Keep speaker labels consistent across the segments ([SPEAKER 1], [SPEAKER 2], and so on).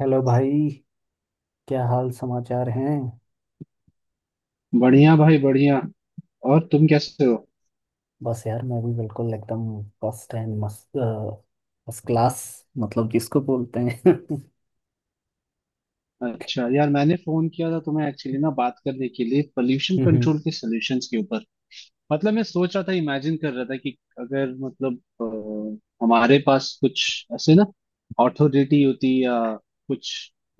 [SPEAKER 1] Hello भाई। क्या हाल समाचार हैं?
[SPEAKER 2] बढ़िया भाई बढ़िया। और तुम कैसे हो?
[SPEAKER 1] बस यार, मैं भी बिल्कुल एकदम फर्स्ट एंड मस्त, फर्स्ट क्लास, मतलब जिसको बोलते हैं।
[SPEAKER 2] अच्छा यार, मैंने फोन किया था तुम्हें एक्चुअली ना, बात करने के लिए पोल्यूशन
[SPEAKER 1] हम्म,
[SPEAKER 2] कंट्रोल के सॉल्यूशंस के ऊपर। मतलब मैं सोच रहा था, इमेजिन कर रहा था कि अगर मतलब हमारे पास कुछ ऐसे ना अथॉरिटी होती या कुछ,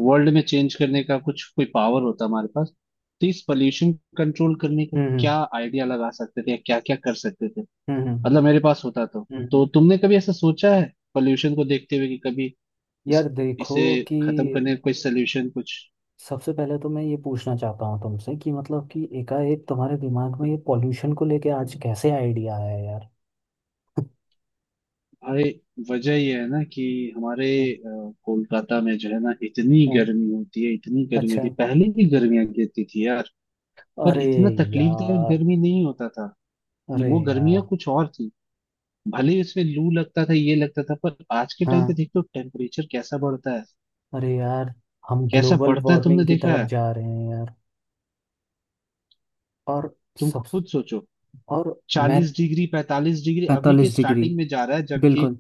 [SPEAKER 2] वर्ल्ड में चेंज करने का कुछ कोई पावर होता हमारे पास, तो इस पोल्यूशन कंट्रोल करने का क्या
[SPEAKER 1] हम्म,
[SPEAKER 2] आइडिया लगा सकते थे, या क्या क्या कर सकते थे?
[SPEAKER 1] हम्म,
[SPEAKER 2] मतलब मेरे पास होता तो
[SPEAKER 1] हम्म।
[SPEAKER 2] तो तुमने कभी ऐसा सोचा है पोल्यूशन को देखते हुए कि कभी
[SPEAKER 1] यार
[SPEAKER 2] इस इसे
[SPEAKER 1] देखो, कि
[SPEAKER 2] खत्म करने का कोई सलूशन कुछ?
[SPEAKER 1] सबसे पहले तो मैं ये पूछना चाहता हूँ तुमसे कि मतलब कि एकाएक तुम्हारे दिमाग में ये पॉल्यूशन को लेके आज कैसे आइडिया आया यार?
[SPEAKER 2] भाई वजह यह है ना कि हमारे
[SPEAKER 1] हम्म,
[SPEAKER 2] कोलकाता में, जो है ना, इतनी
[SPEAKER 1] हम्म,
[SPEAKER 2] गर्मी होती है, इतनी गर्मी
[SPEAKER 1] अच्छा।
[SPEAKER 2] होती है। पहले भी गर्मियां गिरती थी यार, पर
[SPEAKER 1] अरे
[SPEAKER 2] इतना तकलीफदायक
[SPEAKER 1] यार,
[SPEAKER 2] गर्मी नहीं होता था। ये
[SPEAKER 1] अरे
[SPEAKER 2] वो गर्मियां
[SPEAKER 1] यार,
[SPEAKER 2] कुछ और थी। भले ही उसमें लू लगता था ये लगता था, पर आज के टाइम
[SPEAKER 1] हाँ,
[SPEAKER 2] पे देखते हो टेम्परेचर कैसा बढ़ता है,
[SPEAKER 1] अरे यार, हम
[SPEAKER 2] कैसा
[SPEAKER 1] ग्लोबल
[SPEAKER 2] बढ़ता है, तुमने
[SPEAKER 1] वार्मिंग की
[SPEAKER 2] देखा
[SPEAKER 1] तरफ
[SPEAKER 2] है?
[SPEAKER 1] जा रहे हैं, और
[SPEAKER 2] तुम
[SPEAKER 1] सब।
[SPEAKER 2] खुद सोचो,
[SPEAKER 1] और मैथ,
[SPEAKER 2] 40 डिग्री 45 डिग्री अभी के
[SPEAKER 1] 45 डिग्री,
[SPEAKER 2] स्टार्टिंग में जा रहा है, जबकि
[SPEAKER 1] बिल्कुल,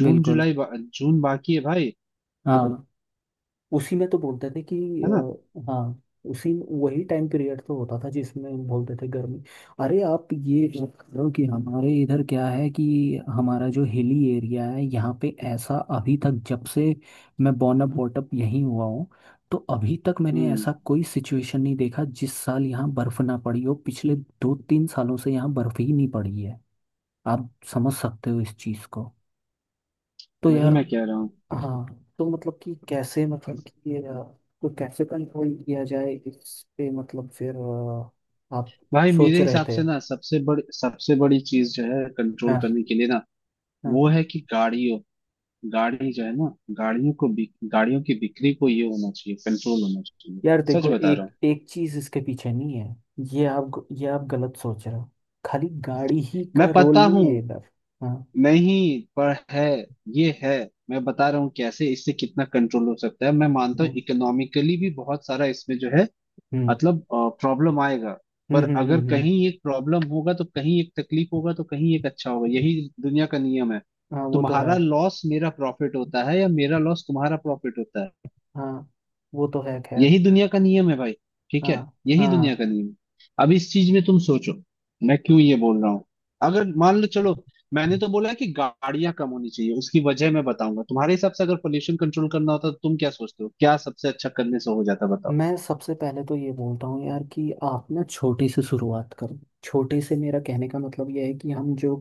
[SPEAKER 2] जून
[SPEAKER 1] बिल्कुल।
[SPEAKER 2] जुलाई जून बाकी है भाई।
[SPEAKER 1] हाँ, उसी में तो बोलते थे कि
[SPEAKER 2] है ना?
[SPEAKER 1] हाँ, उसी वही टाइम पीरियड तो होता था जिसमें बोलते थे गर्मी। अरे आप ये चेक करो कि हमारे इधर क्या है, कि हमारा जो हिली एरिया है, यहाँ पे ऐसा अभी तक, जब से मैं बॉर्न अप बॉट अप यहीं हुआ हूँ, तो अभी तक मैंने
[SPEAKER 2] हम्म।
[SPEAKER 1] ऐसा कोई सिचुएशन नहीं देखा जिस साल यहाँ बर्फ ना पड़ी हो। पिछले 2-3 सालों से यहाँ बर्फ ही नहीं पड़ी है। आप समझ सकते हो इस चीज को। तो
[SPEAKER 2] वही
[SPEAKER 1] यार,
[SPEAKER 2] मैं कह रहा हूँ।
[SPEAKER 1] हाँ, तो मतलब कि कैसे मतलब कि ये अ, तो कैसे कंट्रोल किया जाए इस पे, मतलब फिर आप
[SPEAKER 2] भाई मेरे
[SPEAKER 1] सोच रहे
[SPEAKER 2] हिसाब
[SPEAKER 1] थे?
[SPEAKER 2] से ना, सबसे बड़ी चीज जो है कंट्रोल
[SPEAKER 1] हाँ,
[SPEAKER 2] करने के लिए ना,
[SPEAKER 1] हाँ,
[SPEAKER 2] वो है कि गाड़ियों गाड़ी जो है ना, गाड़ियों की बिक्री को, ये होना चाहिए, कंट्रोल होना चाहिए।
[SPEAKER 1] यार
[SPEAKER 2] सच
[SPEAKER 1] देखो
[SPEAKER 2] बता रहा हूँ।
[SPEAKER 1] एक एक चीज इसके पीछे नहीं है। ये आप गलत सोच रहे हो। खाली गाड़ी ही
[SPEAKER 2] मैं
[SPEAKER 1] का रोल
[SPEAKER 2] पता
[SPEAKER 1] नहीं
[SPEAKER 2] हूँ।
[SPEAKER 1] है इधर। हाँ,
[SPEAKER 2] नहीं पर है, ये है। मैं बता रहा हूँ कैसे इससे कितना कंट्रोल हो सकता है। मैं मानता हूँ
[SPEAKER 1] हाँ,
[SPEAKER 2] इकोनॉमिकली भी बहुत सारा इसमें जो है,
[SPEAKER 1] हम्म,
[SPEAKER 2] मतलब प्रॉब्लम आएगा।
[SPEAKER 1] हम्म,
[SPEAKER 2] पर
[SPEAKER 1] हम्म,
[SPEAKER 2] अगर
[SPEAKER 1] हम्म,
[SPEAKER 2] कहीं एक प्रॉब्लम होगा तो कहीं एक तकलीफ होगा, तो कहीं एक अच्छा होगा। यही दुनिया का नियम है।
[SPEAKER 1] हाँ वो तो है।
[SPEAKER 2] तुम्हारा लॉस मेरा प्रॉफिट होता है, या मेरा लॉस तुम्हारा प्रॉफिट होता है।
[SPEAKER 1] हाँ वो तो है खैर।
[SPEAKER 2] यही दुनिया का नियम है भाई। ठीक
[SPEAKER 1] हाँ,
[SPEAKER 2] है, यही दुनिया
[SPEAKER 1] हाँ,
[SPEAKER 2] का नियम है। अब इस चीज में तुम सोचो, मैं क्यों ये बोल रहा हूँ। अगर मान लो चलो, मैंने तो बोला है कि गाड़ियां कम होनी चाहिए, उसकी वजह मैं बताऊंगा। तुम्हारे हिसाब से अगर पोल्यूशन कंट्रोल करना होता तो तुम क्या सोचते हो, क्या सबसे अच्छा करने से हो जाता, बताओ?
[SPEAKER 1] मैं सबसे पहले तो ये बोलता हूँ यार कि आप ना छोटे से शुरुआत करो। छोटे से मेरा कहने का मतलब यह है कि हम जो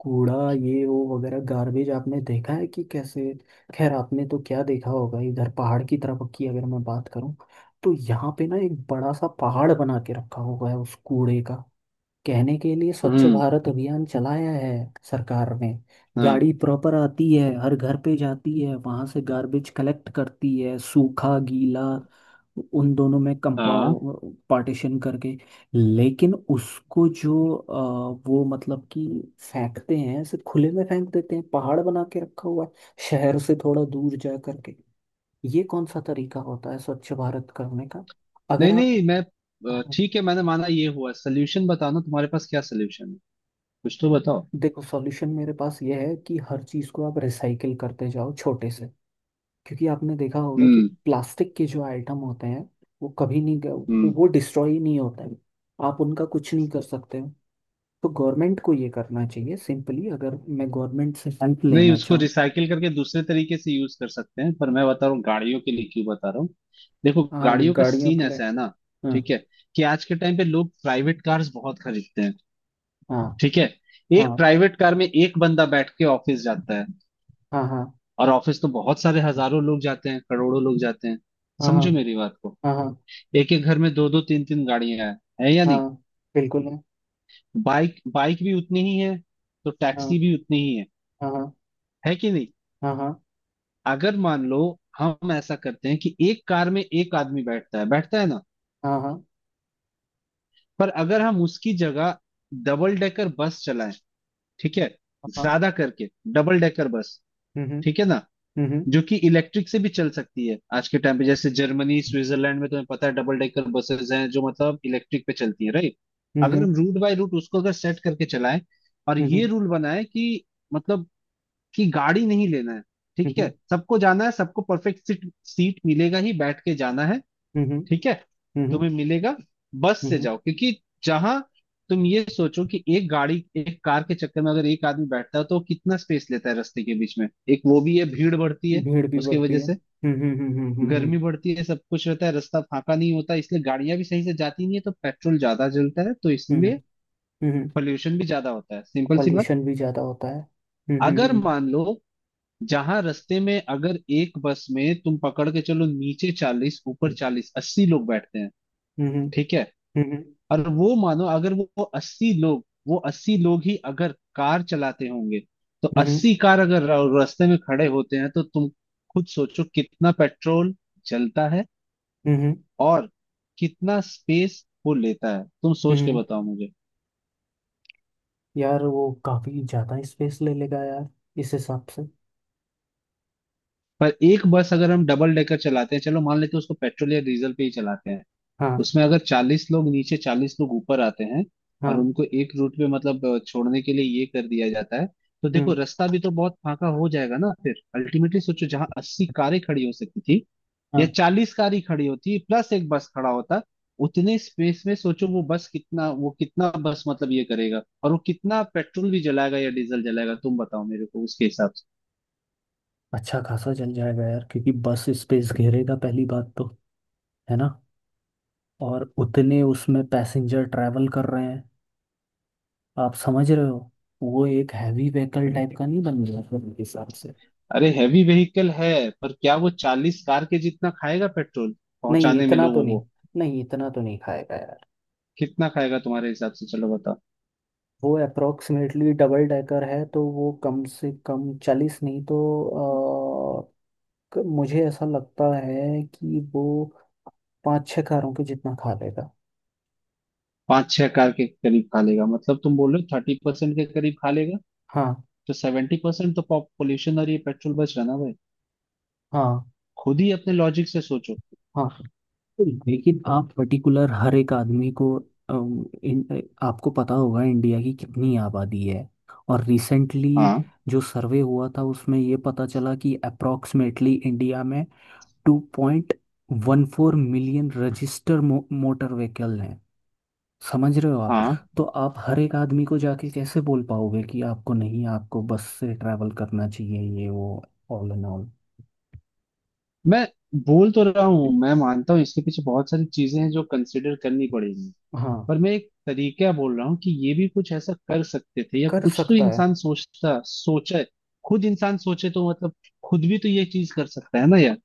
[SPEAKER 1] कूड़ा, ये वो वगैरह गार्बेज, आपने देखा है कि कैसे। खैर, आपने तो क्या देखा होगा, इधर पहाड़ की तरफ की अगर मैं बात करूँ, तो यहाँ पे ना एक बड़ा सा पहाड़ बना के रखा हुआ है उस कूड़े का। कहने के लिए स्वच्छ
[SPEAKER 2] हम्म।
[SPEAKER 1] भारत अभियान चलाया है सरकार ने।
[SPEAKER 2] हाँ।
[SPEAKER 1] गाड़ी प्रॉपर आती है हर घर पे, जाती है वहां से गार्बेज कलेक्ट करती है, सूखा गीला उन दोनों में
[SPEAKER 2] हाँ।
[SPEAKER 1] कंपाउ पार्टीशन करके। लेकिन उसको जो वो, मतलब कि फेंकते हैं ऐसे खुले में फेंक देते हैं। पहाड़ बना के रखा हुआ है शहर से थोड़ा दूर जा करके। ये कौन सा तरीका होता है स्वच्छ भारत करने का? अगर
[SPEAKER 2] नहीं
[SPEAKER 1] आप
[SPEAKER 2] नहीं, मैं ठीक है, मैंने माना ये हुआ, सोल्यूशन बताना, तुम्हारे पास क्या सोल्यूशन है? कुछ तो बताओ।
[SPEAKER 1] देखो, सॉल्यूशन मेरे पास यह है कि हर चीज़ को आप रिसाइकिल करते जाओ, छोटे से। क्योंकि आपने देखा होगा कि
[SPEAKER 2] हम्म।
[SPEAKER 1] प्लास्टिक के जो आइटम होते हैं, वो कभी नहीं ग-
[SPEAKER 2] हम्म।
[SPEAKER 1] वो डिस्ट्रॉय नहीं होते हैं। आप उनका कुछ नहीं कर सकते हो। तो गवर्नमेंट को ये करना चाहिए सिंपली, अगर मैं गवर्नमेंट से हेल्प
[SPEAKER 2] नहीं,
[SPEAKER 1] लेना
[SPEAKER 2] उसको
[SPEAKER 1] चाहूँ।
[SPEAKER 2] रिसाइकिल करके दूसरे तरीके से यूज कर सकते हैं, पर मैं बता रहा हूँ गाड़ियों के लिए क्यों बता रहा हूँ। देखो
[SPEAKER 1] हाँ,
[SPEAKER 2] गाड़ियों का
[SPEAKER 1] गाड़ियों
[SPEAKER 2] सीन
[SPEAKER 1] के लिए,
[SPEAKER 2] ऐसा है ना,
[SPEAKER 1] हाँ,
[SPEAKER 2] ठीक है, कि आज के टाइम पे लोग प्राइवेट कार्स बहुत खरीदते हैं।
[SPEAKER 1] हाँ,
[SPEAKER 2] ठीक है। एक
[SPEAKER 1] हाँ,
[SPEAKER 2] प्राइवेट कार में एक बंदा बैठ के ऑफिस जाता है,
[SPEAKER 1] हाँ, हाँ,
[SPEAKER 2] और ऑफिस तो बहुत सारे, हजारों लोग जाते हैं, करोड़ों लोग जाते हैं।
[SPEAKER 1] हाँ, हाँ,
[SPEAKER 2] समझो मेरी बात को।
[SPEAKER 1] हाँ, हाँ,
[SPEAKER 2] एक एक घर में दो दो तीन तीन गाड़ियां हैं, है या नहीं?
[SPEAKER 1] हाँ, बिल्कुल है।
[SPEAKER 2] बाइक बाइक भी उतनी ही है, तो
[SPEAKER 1] हाँ,
[SPEAKER 2] टैक्सी भी उतनी ही है
[SPEAKER 1] हाँ, हाँ,
[SPEAKER 2] है कि नहीं?
[SPEAKER 1] हाँ, हाँ,
[SPEAKER 2] अगर मान लो हम ऐसा करते हैं कि एक कार में एक आदमी बैठता है, बैठता है ना,
[SPEAKER 1] हाँ, हाँ,
[SPEAKER 2] पर अगर हम उसकी जगह डबल डेकर बस चलाएं, ठीक है,
[SPEAKER 1] हाँ,
[SPEAKER 2] ज्यादा करके डबल डेकर बस,
[SPEAKER 1] हम्म, हम्म,
[SPEAKER 2] ठीक है ना,
[SPEAKER 1] हम्म,
[SPEAKER 2] जो कि इलेक्ट्रिक से भी चल सकती है आज के टाइम पे, जैसे जर्मनी स्विट्जरलैंड में तुम्हें पता है डबल डेकर बसेस हैं जो मतलब इलेक्ट्रिक पे चलती है, राइट। अगर
[SPEAKER 1] हम्म,
[SPEAKER 2] हम रूट बाय रूट उसको अगर सेट करके चलाएं, और
[SPEAKER 1] हम्म, हम्म,
[SPEAKER 2] ये रूल बनाए कि मतलब कि गाड़ी नहीं लेना है, ठीक है,
[SPEAKER 1] हम्म,
[SPEAKER 2] सबको जाना है, सबको परफेक्ट सीट सीट मिलेगा ही, बैठ के जाना है,
[SPEAKER 1] हम्म, हम्म।
[SPEAKER 2] ठीक है,
[SPEAKER 1] हम्म,
[SPEAKER 2] तुम्हें मिलेगा। बस से
[SPEAKER 1] हम्म,
[SPEAKER 2] जाओ, क्योंकि जहां, तुम ये सोचो कि एक गाड़ी, एक कार के चक्कर में अगर एक आदमी बैठता है, तो वो कितना स्पेस लेता है रास्ते के बीच में। एक वो भी है, भीड़ बढ़ती है,
[SPEAKER 1] भीड़ भी
[SPEAKER 2] उसकी
[SPEAKER 1] बढ़ती
[SPEAKER 2] वजह
[SPEAKER 1] है।
[SPEAKER 2] से
[SPEAKER 1] हम्म, हम्म, हम्म, हम्म,
[SPEAKER 2] गर्मी बढ़ती है, सब कुछ रहता है, रास्ता फाका नहीं होता, इसलिए गाड़ियां भी सही से जाती नहीं है, तो पेट्रोल ज्यादा जलता है, तो
[SPEAKER 1] हम्म,
[SPEAKER 2] इसलिए
[SPEAKER 1] हम्म, हम्म।
[SPEAKER 2] पोल्यूशन भी ज्यादा होता है, सिंपल सी बात।
[SPEAKER 1] पॉल्यूशन भी ज़्यादा होता है। हम्म,
[SPEAKER 2] अगर
[SPEAKER 1] हम्म,
[SPEAKER 2] मान लो, जहां रास्ते में अगर एक बस में तुम पकड़ के चलो, नीचे 40 ऊपर 40, 80 लोग बैठते हैं,
[SPEAKER 1] हम्म, हम्म,
[SPEAKER 2] ठीक है,
[SPEAKER 1] हम्म,
[SPEAKER 2] और वो मानो अगर वो 80 लोग, वो 80 लोग ही अगर कार चलाते होंगे, तो
[SPEAKER 1] हम्म, हम्म, हम्म,
[SPEAKER 2] 80 कार अगर रास्ते में खड़े होते हैं, तो तुम खुद सोचो कितना पेट्रोल जलता है,
[SPEAKER 1] हम्म, हम्म,
[SPEAKER 2] और कितना स्पेस वो लेता है, तुम
[SPEAKER 1] हम्म,
[SPEAKER 2] सोच के
[SPEAKER 1] हम्म।
[SPEAKER 2] बताओ मुझे।
[SPEAKER 1] यार वो काफ़ी ज़्यादा स्पेस ले लेगा यार, इस हिसाब से।
[SPEAKER 2] पर एक बस अगर हम डबल डेकर चलाते हैं, चलो मान लेते हैं उसको पेट्रोल या डीजल पे ही चलाते हैं,
[SPEAKER 1] हाँ,
[SPEAKER 2] उसमें अगर 40 लोग नीचे 40 लोग ऊपर आते हैं,
[SPEAKER 1] हाँ,
[SPEAKER 2] और उनको एक रूट पे मतलब छोड़ने के लिए ये कर दिया जाता है, तो देखो
[SPEAKER 1] हम्म,
[SPEAKER 2] रास्ता भी तो बहुत फाका हो जाएगा ना, फिर अल्टीमेटली सोचो जहाँ 80 कारें खड़ी हो सकती थी, या
[SPEAKER 1] हाँ।
[SPEAKER 2] 40 कारें खड़ी होती, प्लस एक बस खड़ा होता, उतने स्पेस में सोचो वो बस कितना, वो कितना बस मतलब ये करेगा, और वो कितना पेट्रोल भी जलाएगा या डीजल जलाएगा, तुम बताओ मेरे को उसके हिसाब से।
[SPEAKER 1] अच्छा खासा जल जाएगा यार, क्योंकि बस स्पेस घेरेगा पहली बात तो, है ना? और उतने उसमें पैसेंजर ट्रैवल कर रहे हैं। आप समझ रहे हो? वो एक हैवी व्हीकल टाइप का नहीं बन गया फिर मेरे हिसाब से?
[SPEAKER 2] अरे हैवी व्हीकल है, पर क्या वो 40 कार के जितना खाएगा पेट्रोल,
[SPEAKER 1] नहीं
[SPEAKER 2] पहुंचाने में
[SPEAKER 1] इतना तो
[SPEAKER 2] लोगों
[SPEAKER 1] नहीं
[SPEAKER 2] को?
[SPEAKER 1] नहीं इतना तो नहीं खाएगा यार।
[SPEAKER 2] कितना खाएगा तुम्हारे हिसाब से, चलो बताओ।
[SPEAKER 1] वो अप्रोक्सीमेटली डबल डेकर है, तो वो कम से कम 40, नहीं तो अ, मुझे ऐसा लगता है कि वो पाँच छः कारों के जितना खा लेगा।
[SPEAKER 2] पाँच छह कार के करीब खा लेगा, मतलब तुम बोल रहे हो 30% के करीब खा लेगा,
[SPEAKER 1] हाँ,
[SPEAKER 2] तो 70% तो पॉल्यूशन और ये पेट्रोल बच रहा ना भाई।
[SPEAKER 1] हाँ,
[SPEAKER 2] खुद ही अपने लॉजिक से सोचो।
[SPEAKER 1] हाँ, लेकिन आप पर्टिकुलर हर एक आदमी को, आपको पता होगा इंडिया की कितनी आबादी है। और रिसेंटली
[SPEAKER 2] हाँ।
[SPEAKER 1] जो सर्वे हुआ था उसमें ये पता चला कि अप्रोक्सीमेटली इंडिया में 2.14 मिलियन रजिस्टर मोटर व्हीकल हैं। समझ रहे हो आप?
[SPEAKER 2] हाँ।
[SPEAKER 1] तो आप हर एक आदमी को जाके कैसे बोल पाओगे कि आपको नहीं, आपको बस से ट्रैवल करना चाहिए, ये वो, ऑल एंड ऑल।
[SPEAKER 2] मैं बोल तो रहा हूँ, मैं मानता हूँ इसके पीछे बहुत सारी चीजें हैं जो कंसिडर करनी पड़ेगी,
[SPEAKER 1] हाँ,
[SPEAKER 2] पर मैं एक तरीका बोल रहा हूँ कि ये भी कुछ ऐसा कर सकते थे, या
[SPEAKER 1] कर
[SPEAKER 2] कुछ तो
[SPEAKER 1] सकता है।
[SPEAKER 2] इंसान सोचता सोचे, खुद इंसान सोचे तो मतलब, खुद भी तो ये चीज कर सकता है ना यार।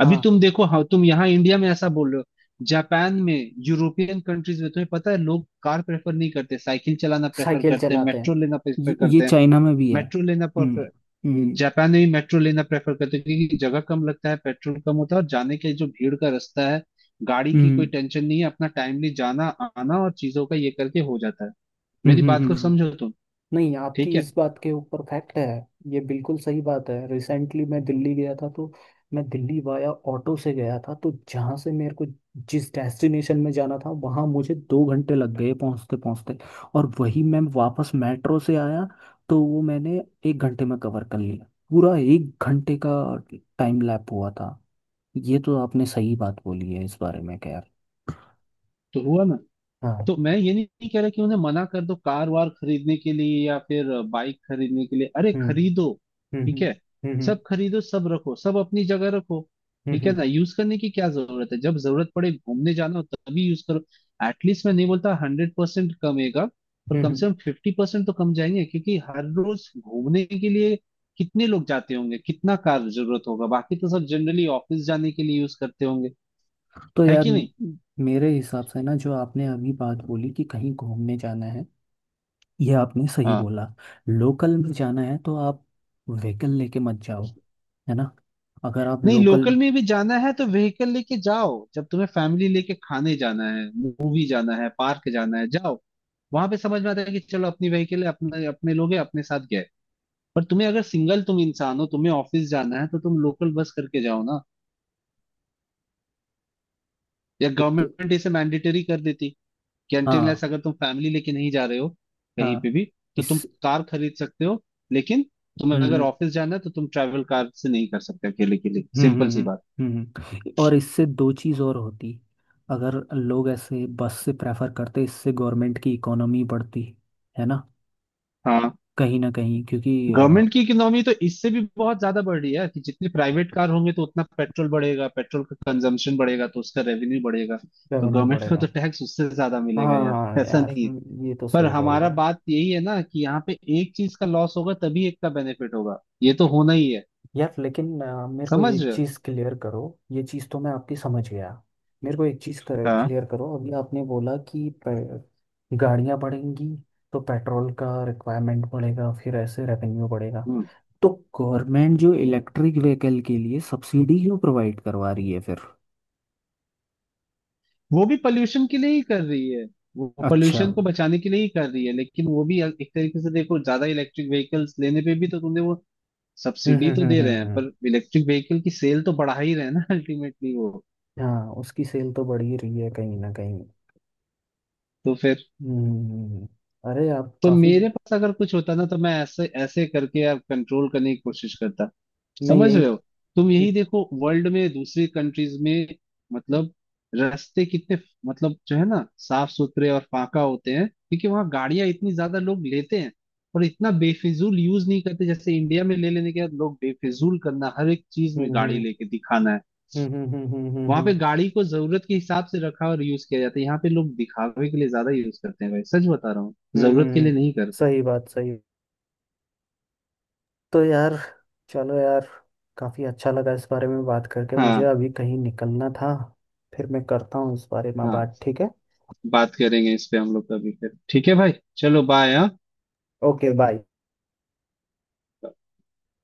[SPEAKER 2] अभी
[SPEAKER 1] हाँ,
[SPEAKER 2] तुम देखो, हाँ तुम यहाँ इंडिया में ऐसा बोल रहे हो, जापान में, यूरोपियन कंट्रीज में तुम्हें पता है लोग कार प्रेफर नहीं करते, साइकिल चलाना प्रेफर
[SPEAKER 1] साइकिल
[SPEAKER 2] करते हैं,
[SPEAKER 1] चलाते हैं।
[SPEAKER 2] मेट्रो लेना प्रेफर
[SPEAKER 1] ये
[SPEAKER 2] करते हैं,
[SPEAKER 1] चाइना में भी है।
[SPEAKER 2] मेट्रो लेना
[SPEAKER 1] हम्म,
[SPEAKER 2] प्रेफर।
[SPEAKER 1] हम्म,
[SPEAKER 2] जापान में भी मेट्रो लेना प्रेफर करते हैं, क्योंकि जगह कम लगता है, पेट्रोल कम होता है, और जाने के जो भीड़ का रास्ता है, गाड़ी की कोई
[SPEAKER 1] हम्म,
[SPEAKER 2] टेंशन नहीं है, अपना टाइमली जाना आना और चीजों का ये करके हो जाता है।
[SPEAKER 1] हम्म,
[SPEAKER 2] मेरी
[SPEAKER 1] हम्म,
[SPEAKER 2] बात को
[SPEAKER 1] हम्म।
[SPEAKER 2] समझो तुम,
[SPEAKER 1] नहीं, आपकी
[SPEAKER 2] ठीक है?
[SPEAKER 1] इस बात के ऊपर फैक्ट है। ये बिल्कुल सही बात है। रिसेंटली मैं दिल्ली गया था, तो मैं दिल्ली वाया ऑटो से गया था। तो जहाँ से मेरे को जिस डेस्टिनेशन में जाना था, वहाँ मुझे 2 घंटे लग गए पहुँचते पहुँचते। और वही मैं वापस मेट्रो से आया, तो वो मैंने 1 घंटे में कवर कर लिया। पूरा एक घंटे का टाइम लैप हुआ था। ये तो आपने सही बात बोली है इस बारे में, खैर।
[SPEAKER 2] तो हुआ ना।
[SPEAKER 1] हाँ,
[SPEAKER 2] तो मैं ये नहीं नहीं कह रहा कि उन्हें मना कर दो कार वार खरीदने के लिए या फिर बाइक खरीदने के लिए, अरे
[SPEAKER 1] हम्म,
[SPEAKER 2] खरीदो,
[SPEAKER 1] हम्म,
[SPEAKER 2] ठीक है,
[SPEAKER 1] हम्म, हम्म,
[SPEAKER 2] सब खरीदो, सब रखो, सब अपनी जगह रखो,
[SPEAKER 1] हम्म,
[SPEAKER 2] ठीक है
[SPEAKER 1] हम्म,
[SPEAKER 2] ना, यूज करने की क्या जरूरत है? जब जरूरत पड़े घूमने जाना हो तभी यूज करो। एटलीस्ट मैं नहीं बोलता 100% कमेगा, पर
[SPEAKER 1] हम्म,
[SPEAKER 2] कम
[SPEAKER 1] हम्म।
[SPEAKER 2] से कम 50% तो कम जाएंगे, क्योंकि हर रोज घूमने के लिए कितने लोग जाते होंगे, कितना कार जरूरत होगा, बाकी तो सब जनरली ऑफिस जाने के लिए यूज करते होंगे,
[SPEAKER 1] तो
[SPEAKER 2] है
[SPEAKER 1] यार
[SPEAKER 2] कि नहीं?
[SPEAKER 1] मेरे हिसाब से ना, जो आपने अभी बात बोली कि कहीं घूमने जाना है, ये आपने सही
[SPEAKER 2] हाँ।
[SPEAKER 1] बोला। लोकल में जाना है, तो आप व्हीकल लेके मत जाओ, है ना? अगर आप
[SPEAKER 2] नहीं,
[SPEAKER 1] लोकल
[SPEAKER 2] लोकल में भी जाना है तो व्हीकल लेके जाओ, जब तुम्हें फैमिली लेके खाने जाना है, मूवी जाना है, पार्क जाना है, जाओ, वहां पे समझ में आता है कि चलो अपनी व्हीकल है, अपने अपने लोग हैं अपने साथ गए। पर तुम्हें अगर सिंगल तुम इंसान हो, तुम्हें ऑफिस जाना है, तो तुम लोकल बस करके जाओ ना, या
[SPEAKER 1] तो,
[SPEAKER 2] गवर्नमेंट इसे मैंडेटरी कर देती,
[SPEAKER 1] हाँ,
[SPEAKER 2] कैंटीनलेस अगर तुम फैमिली लेके नहीं जा रहे हो कहीं पे
[SPEAKER 1] हाँ,
[SPEAKER 2] भी, तो तुम
[SPEAKER 1] इस,
[SPEAKER 2] कार खरीद सकते हो, लेकिन तुम्हें
[SPEAKER 1] हम्म,
[SPEAKER 2] अगर
[SPEAKER 1] हम्म,
[SPEAKER 2] ऑफिस जाना है तो तुम ट्रैवल कार से नहीं कर सकते अकेले के लिए,
[SPEAKER 1] हम्म,
[SPEAKER 2] सिंपल
[SPEAKER 1] हम्म,
[SPEAKER 2] सी बात।
[SPEAKER 1] हम्म, और इससे दो चीज़ और होती। अगर लोग ऐसे बस से प्रेफर करते, इससे गवर्नमेंट की इकोनॉमी बढ़ती, है ना?
[SPEAKER 2] हाँ।
[SPEAKER 1] कहीं ना कहीं, क्योंकि
[SPEAKER 2] गवर्नमेंट की इकोनॉमी तो इससे भी बहुत ज्यादा बढ़ रही है कि जितने प्राइवेट कार होंगे तो उतना पेट्रोल बढ़ेगा, पेट्रोल का कंजम्पशन बढ़ेगा, तो उसका रेवेन्यू बढ़ेगा, तो
[SPEAKER 1] रेवेन्यू
[SPEAKER 2] गवर्नमेंट को
[SPEAKER 1] बढ़ेगा।
[SPEAKER 2] तो टैक्स उससे ज्यादा मिलेगा
[SPEAKER 1] हाँ
[SPEAKER 2] यार, ऐसा
[SPEAKER 1] यार,
[SPEAKER 2] नहीं है।
[SPEAKER 1] ये तो
[SPEAKER 2] पर
[SPEAKER 1] सही बोल रहा
[SPEAKER 2] हमारा
[SPEAKER 1] हो।
[SPEAKER 2] बात यही है ना कि यहाँ पे एक चीज का लॉस होगा तभी एक का बेनिफिट होगा, ये तो होना ही है,
[SPEAKER 1] यार लेकिन मेरे को
[SPEAKER 2] समझ
[SPEAKER 1] एक
[SPEAKER 2] रहे हो?
[SPEAKER 1] चीज़ क्लियर करो, ये चीज़ तो मैं आपकी समझ गया। मेरे को एक चीज़
[SPEAKER 2] हाँ।
[SPEAKER 1] क्लियर करो, अभी आपने बोला कि गाड़ियाँ बढ़ेंगी, तो पेट्रोल का रिक्वायरमेंट बढ़ेगा, फिर ऐसे रेवेन्यू बढ़ेगा।
[SPEAKER 2] हम्म।
[SPEAKER 1] तो गवर्नमेंट जो इलेक्ट्रिक व्हीकल के लिए सब्सिडी क्यों प्रोवाइड करवा रही है फिर?
[SPEAKER 2] वो भी पोल्यूशन के लिए ही कर रही है, वो
[SPEAKER 1] अच्छा,
[SPEAKER 2] पोल्यूशन को
[SPEAKER 1] हम्म,
[SPEAKER 2] बचाने के लिए ही कर रही है, लेकिन वो भी एक तरीके से देखो, ज्यादा इलेक्ट्रिक व्हीकल्स लेने पे भी तो तुमने वो
[SPEAKER 1] हम्म,
[SPEAKER 2] सब्सिडी
[SPEAKER 1] हम्म,
[SPEAKER 2] तो दे रहे
[SPEAKER 1] हम्म,
[SPEAKER 2] हैं, पर इलेक्ट्रिक व्हीकल की सेल तो बढ़ा ही रहे हैं ना अल्टीमेटली वो।
[SPEAKER 1] हाँ, उसकी सेल तो बढ़ ही रही है कहीं ना कहीं।
[SPEAKER 2] तो फिर।
[SPEAKER 1] हम्म, अरे आप
[SPEAKER 2] तो
[SPEAKER 1] काफ़ी,
[SPEAKER 2] मेरे पास अगर कुछ होता ना, तो मैं ऐसे ऐसे करके यार कंट्रोल करने की कोशिश करता,
[SPEAKER 1] मैं
[SPEAKER 2] समझ
[SPEAKER 1] यही,
[SPEAKER 2] रहे हो? तुम
[SPEAKER 1] हम्म,
[SPEAKER 2] यही देखो वर्ल्ड में दूसरी कंट्रीज में, मतलब रास्ते कितने मतलब जो है ना साफ सुथरे और फाका होते हैं, क्योंकि वहाँ गाड़ियां इतनी ज्यादा लोग लेते हैं और इतना बेफिजूल यूज नहीं करते, जैसे इंडिया में ले लेने के बाद लोग बेफिजूल करना हर एक चीज में गाड़ी
[SPEAKER 1] हम्म,
[SPEAKER 2] लेके दिखाना है।
[SPEAKER 1] हम्म, हम्म, हम्म, हम्म, हम्म,
[SPEAKER 2] वहां पे गाड़ी को जरूरत के हिसाब से रखा और यूज किया जाता है, यहाँ पे लोग दिखावे के लिए ज्यादा यूज करते हैं, भाई सच बता रहा हूँ,
[SPEAKER 1] हम्म,
[SPEAKER 2] जरूरत के लिए नहीं करते।
[SPEAKER 1] सही बात, सही। तो यार, चलो यार, काफ़ी अच्छा लगा इस बारे में बात करके। मुझे
[SPEAKER 2] हाँ।
[SPEAKER 1] अभी कहीं निकलना था, फिर मैं करता हूँ इस बारे में
[SPEAKER 2] हाँ।
[SPEAKER 1] बात, ठीक है?
[SPEAKER 2] बात करेंगे इस पे हम लोग कभी फिर, ठीक है भाई, चलो बाय, हाँ।
[SPEAKER 1] Okay bye.